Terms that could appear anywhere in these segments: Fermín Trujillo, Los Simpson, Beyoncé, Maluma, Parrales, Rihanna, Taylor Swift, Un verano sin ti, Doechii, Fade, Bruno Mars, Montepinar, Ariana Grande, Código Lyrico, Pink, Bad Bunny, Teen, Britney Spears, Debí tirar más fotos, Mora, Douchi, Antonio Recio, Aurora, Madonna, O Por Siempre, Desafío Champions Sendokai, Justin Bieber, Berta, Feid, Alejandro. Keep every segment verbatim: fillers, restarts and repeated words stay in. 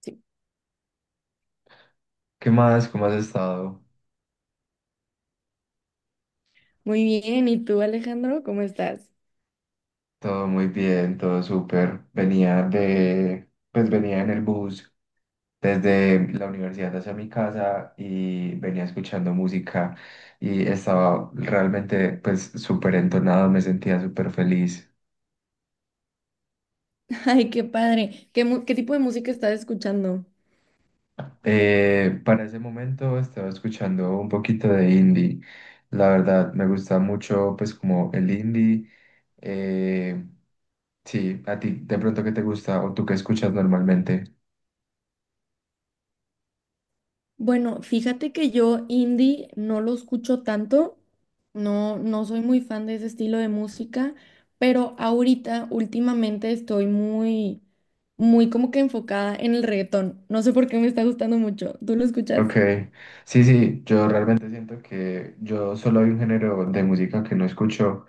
Sí. ¿Qué más? ¿Cómo has estado? Muy bien, ¿y tú, Alejandro? ¿Cómo estás? Todo muy bien, todo súper. Venía de, pues venía en el bus desde la universidad hacia mi casa y venía escuchando música y estaba realmente, pues, súper entonado, me sentía súper feliz. Ay, qué padre. ¿Qué, mu- qué tipo de música estás escuchando? Eh, para ese momento estaba escuchando un poquito de indie. La verdad, me gusta mucho, pues, como el indie. Eh, sí, a ti de pronto qué te gusta o tú qué escuchas normalmente. Bueno, fíjate que yo indie no lo escucho tanto, no, no soy muy fan de ese estilo de música, pero ahorita, últimamente, estoy muy, muy como que enfocada en el reggaetón. No sé por qué me está gustando mucho. ¿Tú lo Ok, escuchas? sí, sí, yo realmente siento que yo solo hay un género de música que no escucho,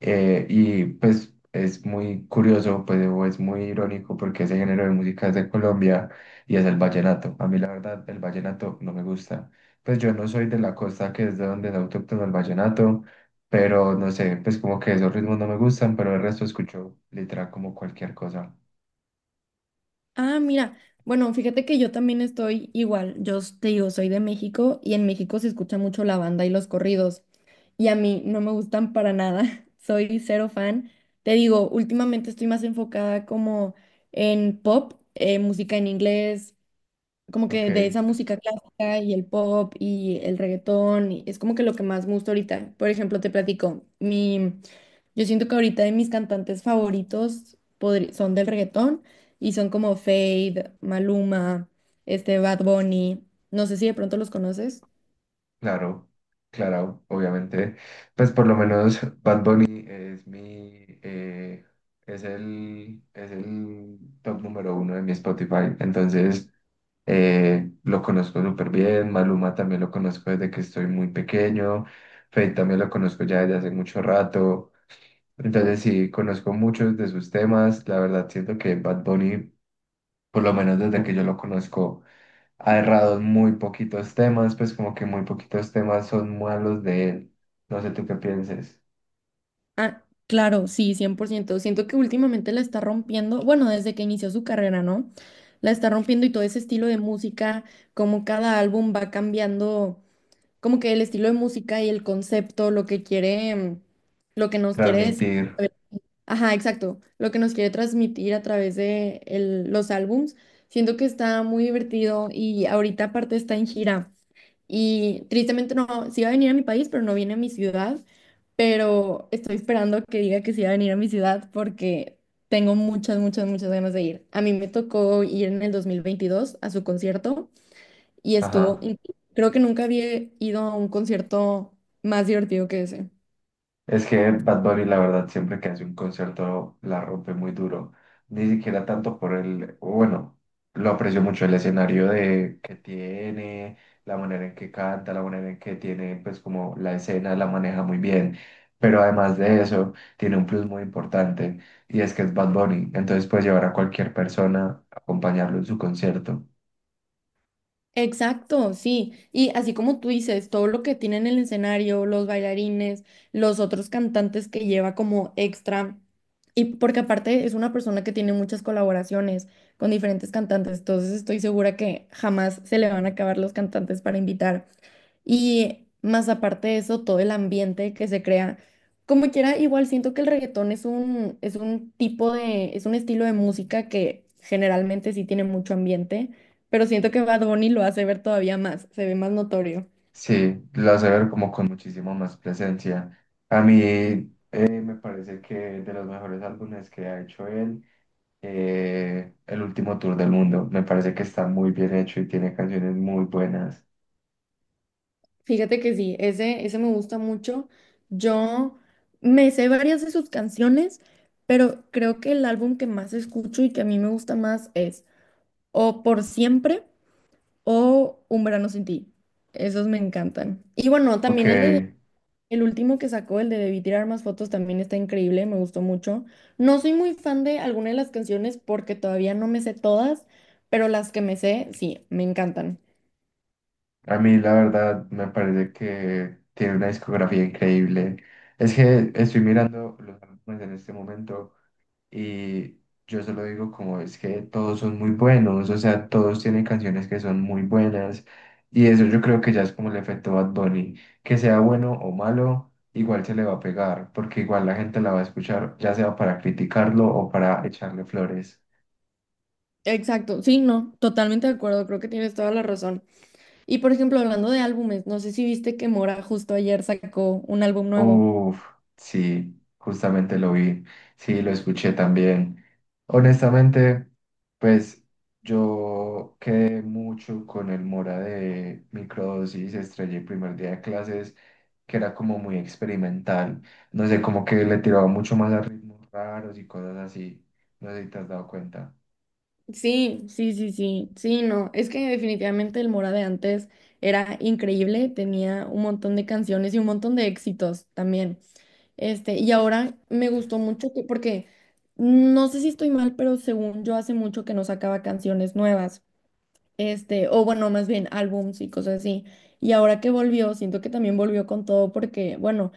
eh, y pues es muy curioso, pues o es muy irónico porque ese género de música es de Colombia y es el vallenato. A mí la verdad el vallenato no me gusta. Pues yo no soy de la costa, que es de donde es autóctono el vallenato, pero no sé, pues como que esos ritmos no me gustan, pero el resto escucho literal como cualquier cosa. Ah, mira, bueno, fíjate que yo también estoy igual, yo s- te digo, soy de México y en México se escucha mucho la banda y los corridos y a mí no me gustan para nada, soy cero fan. Te digo, últimamente estoy más enfocada como en pop, eh, música en inglés, como Ok. que de esa música clásica y el pop y el reggaetón, y es como que lo que más me gusta ahorita. Por ejemplo, te platico, mi, yo siento que ahorita de mis cantantes favoritos podri- son del reggaetón y son como Fade, Maluma, este Bad Bunny, no sé si de pronto los conoces. Claro, claro, obviamente. Pues por lo menos Bad Bunny es mi, eh, es el, es el top número uno de mi Spotify. Entonces, eh, lo conozco súper bien. Maluma también lo conozco desde que estoy muy pequeño. Feid también lo conozco ya desde hace mucho rato. Entonces, sí, conozco muchos de sus temas. La verdad, siento que Bad Bunny, por lo menos desde que yo lo conozco, ha errado en muy poquitos temas, pues como que muy poquitos temas son malos de él. No sé tú qué pienses. Ah, claro, sí, cien por ciento. Siento que últimamente la está rompiendo, bueno, desde que inició su carrera, ¿no? La está rompiendo y todo ese estilo de música, como cada álbum va cambiando como que el estilo de música y el concepto, lo que quiere, mm, lo que nos quiere decir. Transmitir, Ajá, exacto. Lo que nos quiere transmitir a través de el- los álbums. Siento que está muy divertido y ahorita aparte está en gira. Y tristemente no, sí va a venir a mi país, pero no viene a mi ciudad. Pero estoy esperando que diga que sí va a venir a mi ciudad porque tengo muchas, muchas, muchas ganas de ir. A mí me tocó ir en el dos mil veintidós a su concierto y estuvo, ajá. in- creo que nunca había ido a un concierto más divertido que ese. Es que Bad Bunny, la verdad, siempre que hace un concierto la rompe muy duro. Ni siquiera tanto por el, bueno, lo aprecio mucho el escenario de que tiene, la manera en que canta, la manera en que tiene, pues como la escena la maneja muy bien. Pero además de eso, tiene un plus muy importante y es que es Bad Bunny. Entonces puede llevar a cualquier persona a acompañarlo en su concierto. Exacto, sí. Y así como tú dices, todo lo que tiene en el escenario, los bailarines, los otros cantantes que lleva como extra. Y porque aparte es una persona que tiene muchas colaboraciones con diferentes cantantes, entonces estoy segura que jamás se le van a acabar los cantantes para invitar. Y más aparte de eso, todo el ambiente que se crea. Como quiera, igual siento que el reggaetón es un, es un tipo de, es un estilo de música que generalmente sí tiene mucho ambiente, pero siento que Bad Bunny lo hace ver todavía más, se ve más notorio. Sí, lo hace ver como con muchísimo más presencia. A mí eh, me parece que de los mejores álbumes que ha hecho él, eh, el último tour del mundo, me parece que está muy bien hecho y tiene canciones muy buenas. Fíjate que sí, ese, ese me gusta mucho. Yo me sé varias de sus canciones, pero creo que el álbum que más escucho y que a mí me gusta más es O Por Siempre o Un verano sin ti. Esos me encantan. Y bueno, Ok, también el de el último que sacó, el de Debí tirar más fotos, también está increíble, me gustó mucho. No soy muy fan de alguna de las canciones porque todavía no me sé todas, pero las que me sé, sí, me encantan. a mí la verdad me parece que tiene una discografía increíble. Es que estoy mirando los álbumes en este momento. Y yo se lo digo, como es que todos son muy buenos, o sea, todos tienen canciones que son muy buenas. Y eso yo creo que ya es como el efecto Bad Bunny, que sea bueno o malo, igual se le va a pegar, porque igual la gente la va a escuchar, ya sea para criticarlo o para echarle flores. Exacto, sí, no, totalmente de acuerdo, creo que tienes toda la razón. Y por ejemplo, hablando de álbumes, no sé si viste que Mora justo ayer sacó un álbum nuevo. Uf, sí, justamente lo vi, sí, lo escuché también. Honestamente, pues yo quedé mucho con el Mora de microdosis, estrellé el primer día de clases, que era como muy experimental. No sé, como que le tiraba mucho más a ritmos raros y cosas así. No sé si te has dado cuenta. Sí, sí, sí, sí, sí, no, es que definitivamente el Mora de antes era increíble, tenía un montón de canciones y un montón de éxitos también. Este, y ahora me gustó mucho que, porque no sé si estoy mal, pero según yo hace mucho que no sacaba canciones nuevas, este, o bueno, más bien álbums y cosas así. Y ahora que volvió, siento que también volvió con todo porque, bueno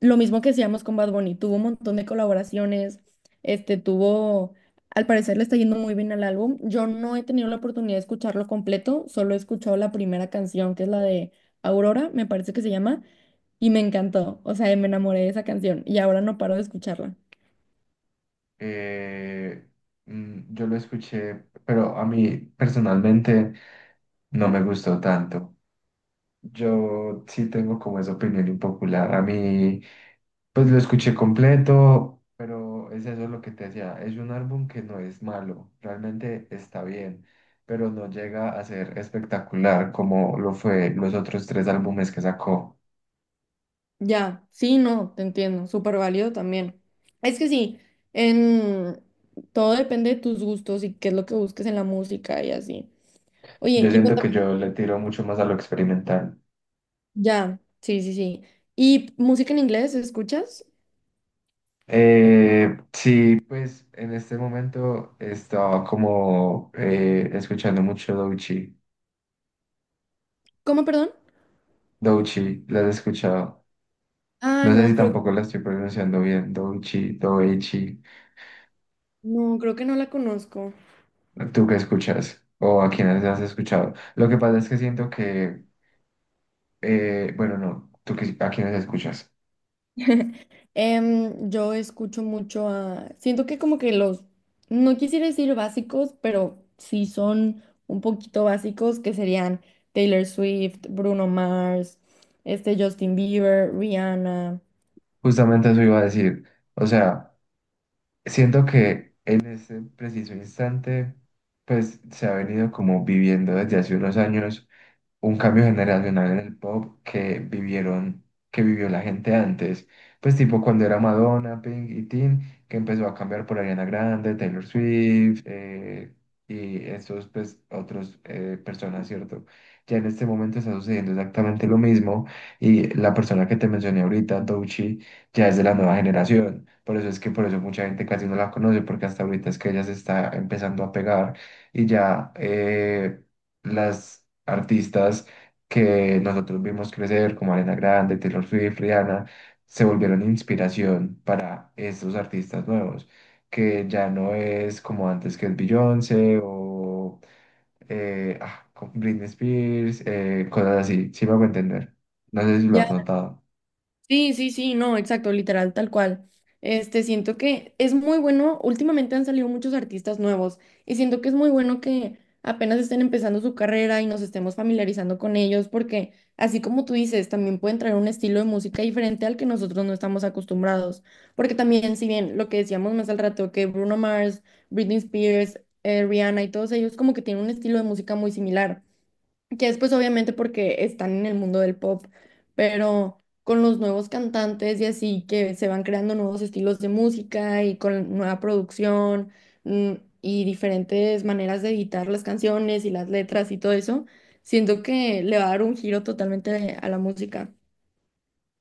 lo mismo que hacíamos con Bad Bunny, tuvo un montón de colaboraciones, este tuvo, al parecer le está yendo muy bien al álbum. Yo no he tenido la oportunidad de escucharlo completo, solo he escuchado la primera canción, que es la de Aurora, me parece que se llama, y me encantó, o sea, me enamoré de esa canción y ahora no paro de escucharla. Eh, mm, yo lo escuché, pero a mí personalmente no me gustó tanto. Yo sí tengo como esa opinión impopular. A mí. Pues lo escuché completo, pero es eso lo que te decía. Es un álbum que no es malo, realmente está bien, pero no llega a ser espectacular como lo fue los otros tres álbumes que sacó. Ya, sí, no, te entiendo, súper válido también. Es que sí, en... todo depende de tus gustos y qué es lo que busques en la música y así. Oye, Yo y siento cuéntame. que yo le tiro mucho más a lo experimental. Ya, sí, sí, sí. ¿Y música en inglés escuchas? Eh, sí, pues en este momento estaba como eh, escuchando mucho Douchi. ¿Cómo, perdón? Douchi, ¿la has escuchado? Ah, No sé si no, creo que, tampoco la estoy pronunciando bien. Douchi, Doechi. no, creo que no la conozco. ¿Tú qué escuchas? ¿O a quiénes has escuchado? Lo que pasa es que siento que, eh, bueno, no, ¿tú qué, a quiénes escuchas? Em, yo escucho mucho a... Siento que como que los, no quisiera decir básicos, pero sí son un poquito básicos, que serían Taylor Swift, Bruno Mars, este Justin Bieber, Rihanna. Justamente eso iba a decir. O sea, siento que en este preciso instante, pues se ha venido como viviendo desde hace unos años un cambio generacional en el pop que vivieron, que vivió la gente antes. Pues tipo cuando era Madonna, Pink y Teen, que empezó a cambiar por Ariana Grande, Taylor Swift, eh, y estos pues otros eh, personas, ¿cierto? Ya en este momento está sucediendo exactamente lo mismo y la persona que te mencioné ahorita, Doechii, ya es de la nueva generación. Por eso es que por eso mucha gente casi no la conoce, porque hasta ahorita es que ella se está empezando a pegar y ya eh, las artistas que nosotros vimos crecer, como Ariana Grande, Taylor Swift, Rihanna, se volvieron inspiración para estos artistas nuevos, que ya no es como antes que es Beyoncé o eh, ah, con Britney Spears, eh, cosas así, sí me hago entender. No sé si lo has notado. Sí, sí, sí, no, exacto, literal, tal cual. Este, siento que es muy bueno, últimamente han salido muchos artistas nuevos y siento que es muy bueno que apenas estén empezando su carrera y nos estemos familiarizando con ellos porque así como tú dices, también pueden traer un estilo de música diferente al que nosotros no estamos acostumbrados. Porque también, si bien lo que decíamos más al rato, que Bruno Mars, Britney Spears, eh, Rihanna y todos ellos como que tienen un estilo de música muy similar. Ya después, obviamente, porque están en el mundo del pop, pero con los nuevos cantantes y así que se van creando nuevos estilos de música y con nueva producción mm, y diferentes maneras de editar las canciones y las letras y todo eso, siento que le va a dar un giro totalmente a la música.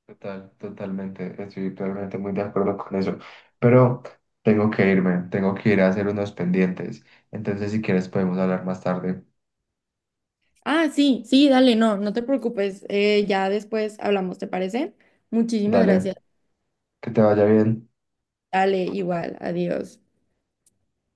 Total, totalmente, estoy totalmente muy de acuerdo con eso. Pero tengo que irme, tengo que ir a hacer unos pendientes. Entonces, si quieres, podemos hablar más tarde. Ah, sí, sí, dale, no, no te preocupes, eh, ya después hablamos, ¿te parece? Muchísimas Dale. gracias. Que te vaya bien. Dale, igual, adiós.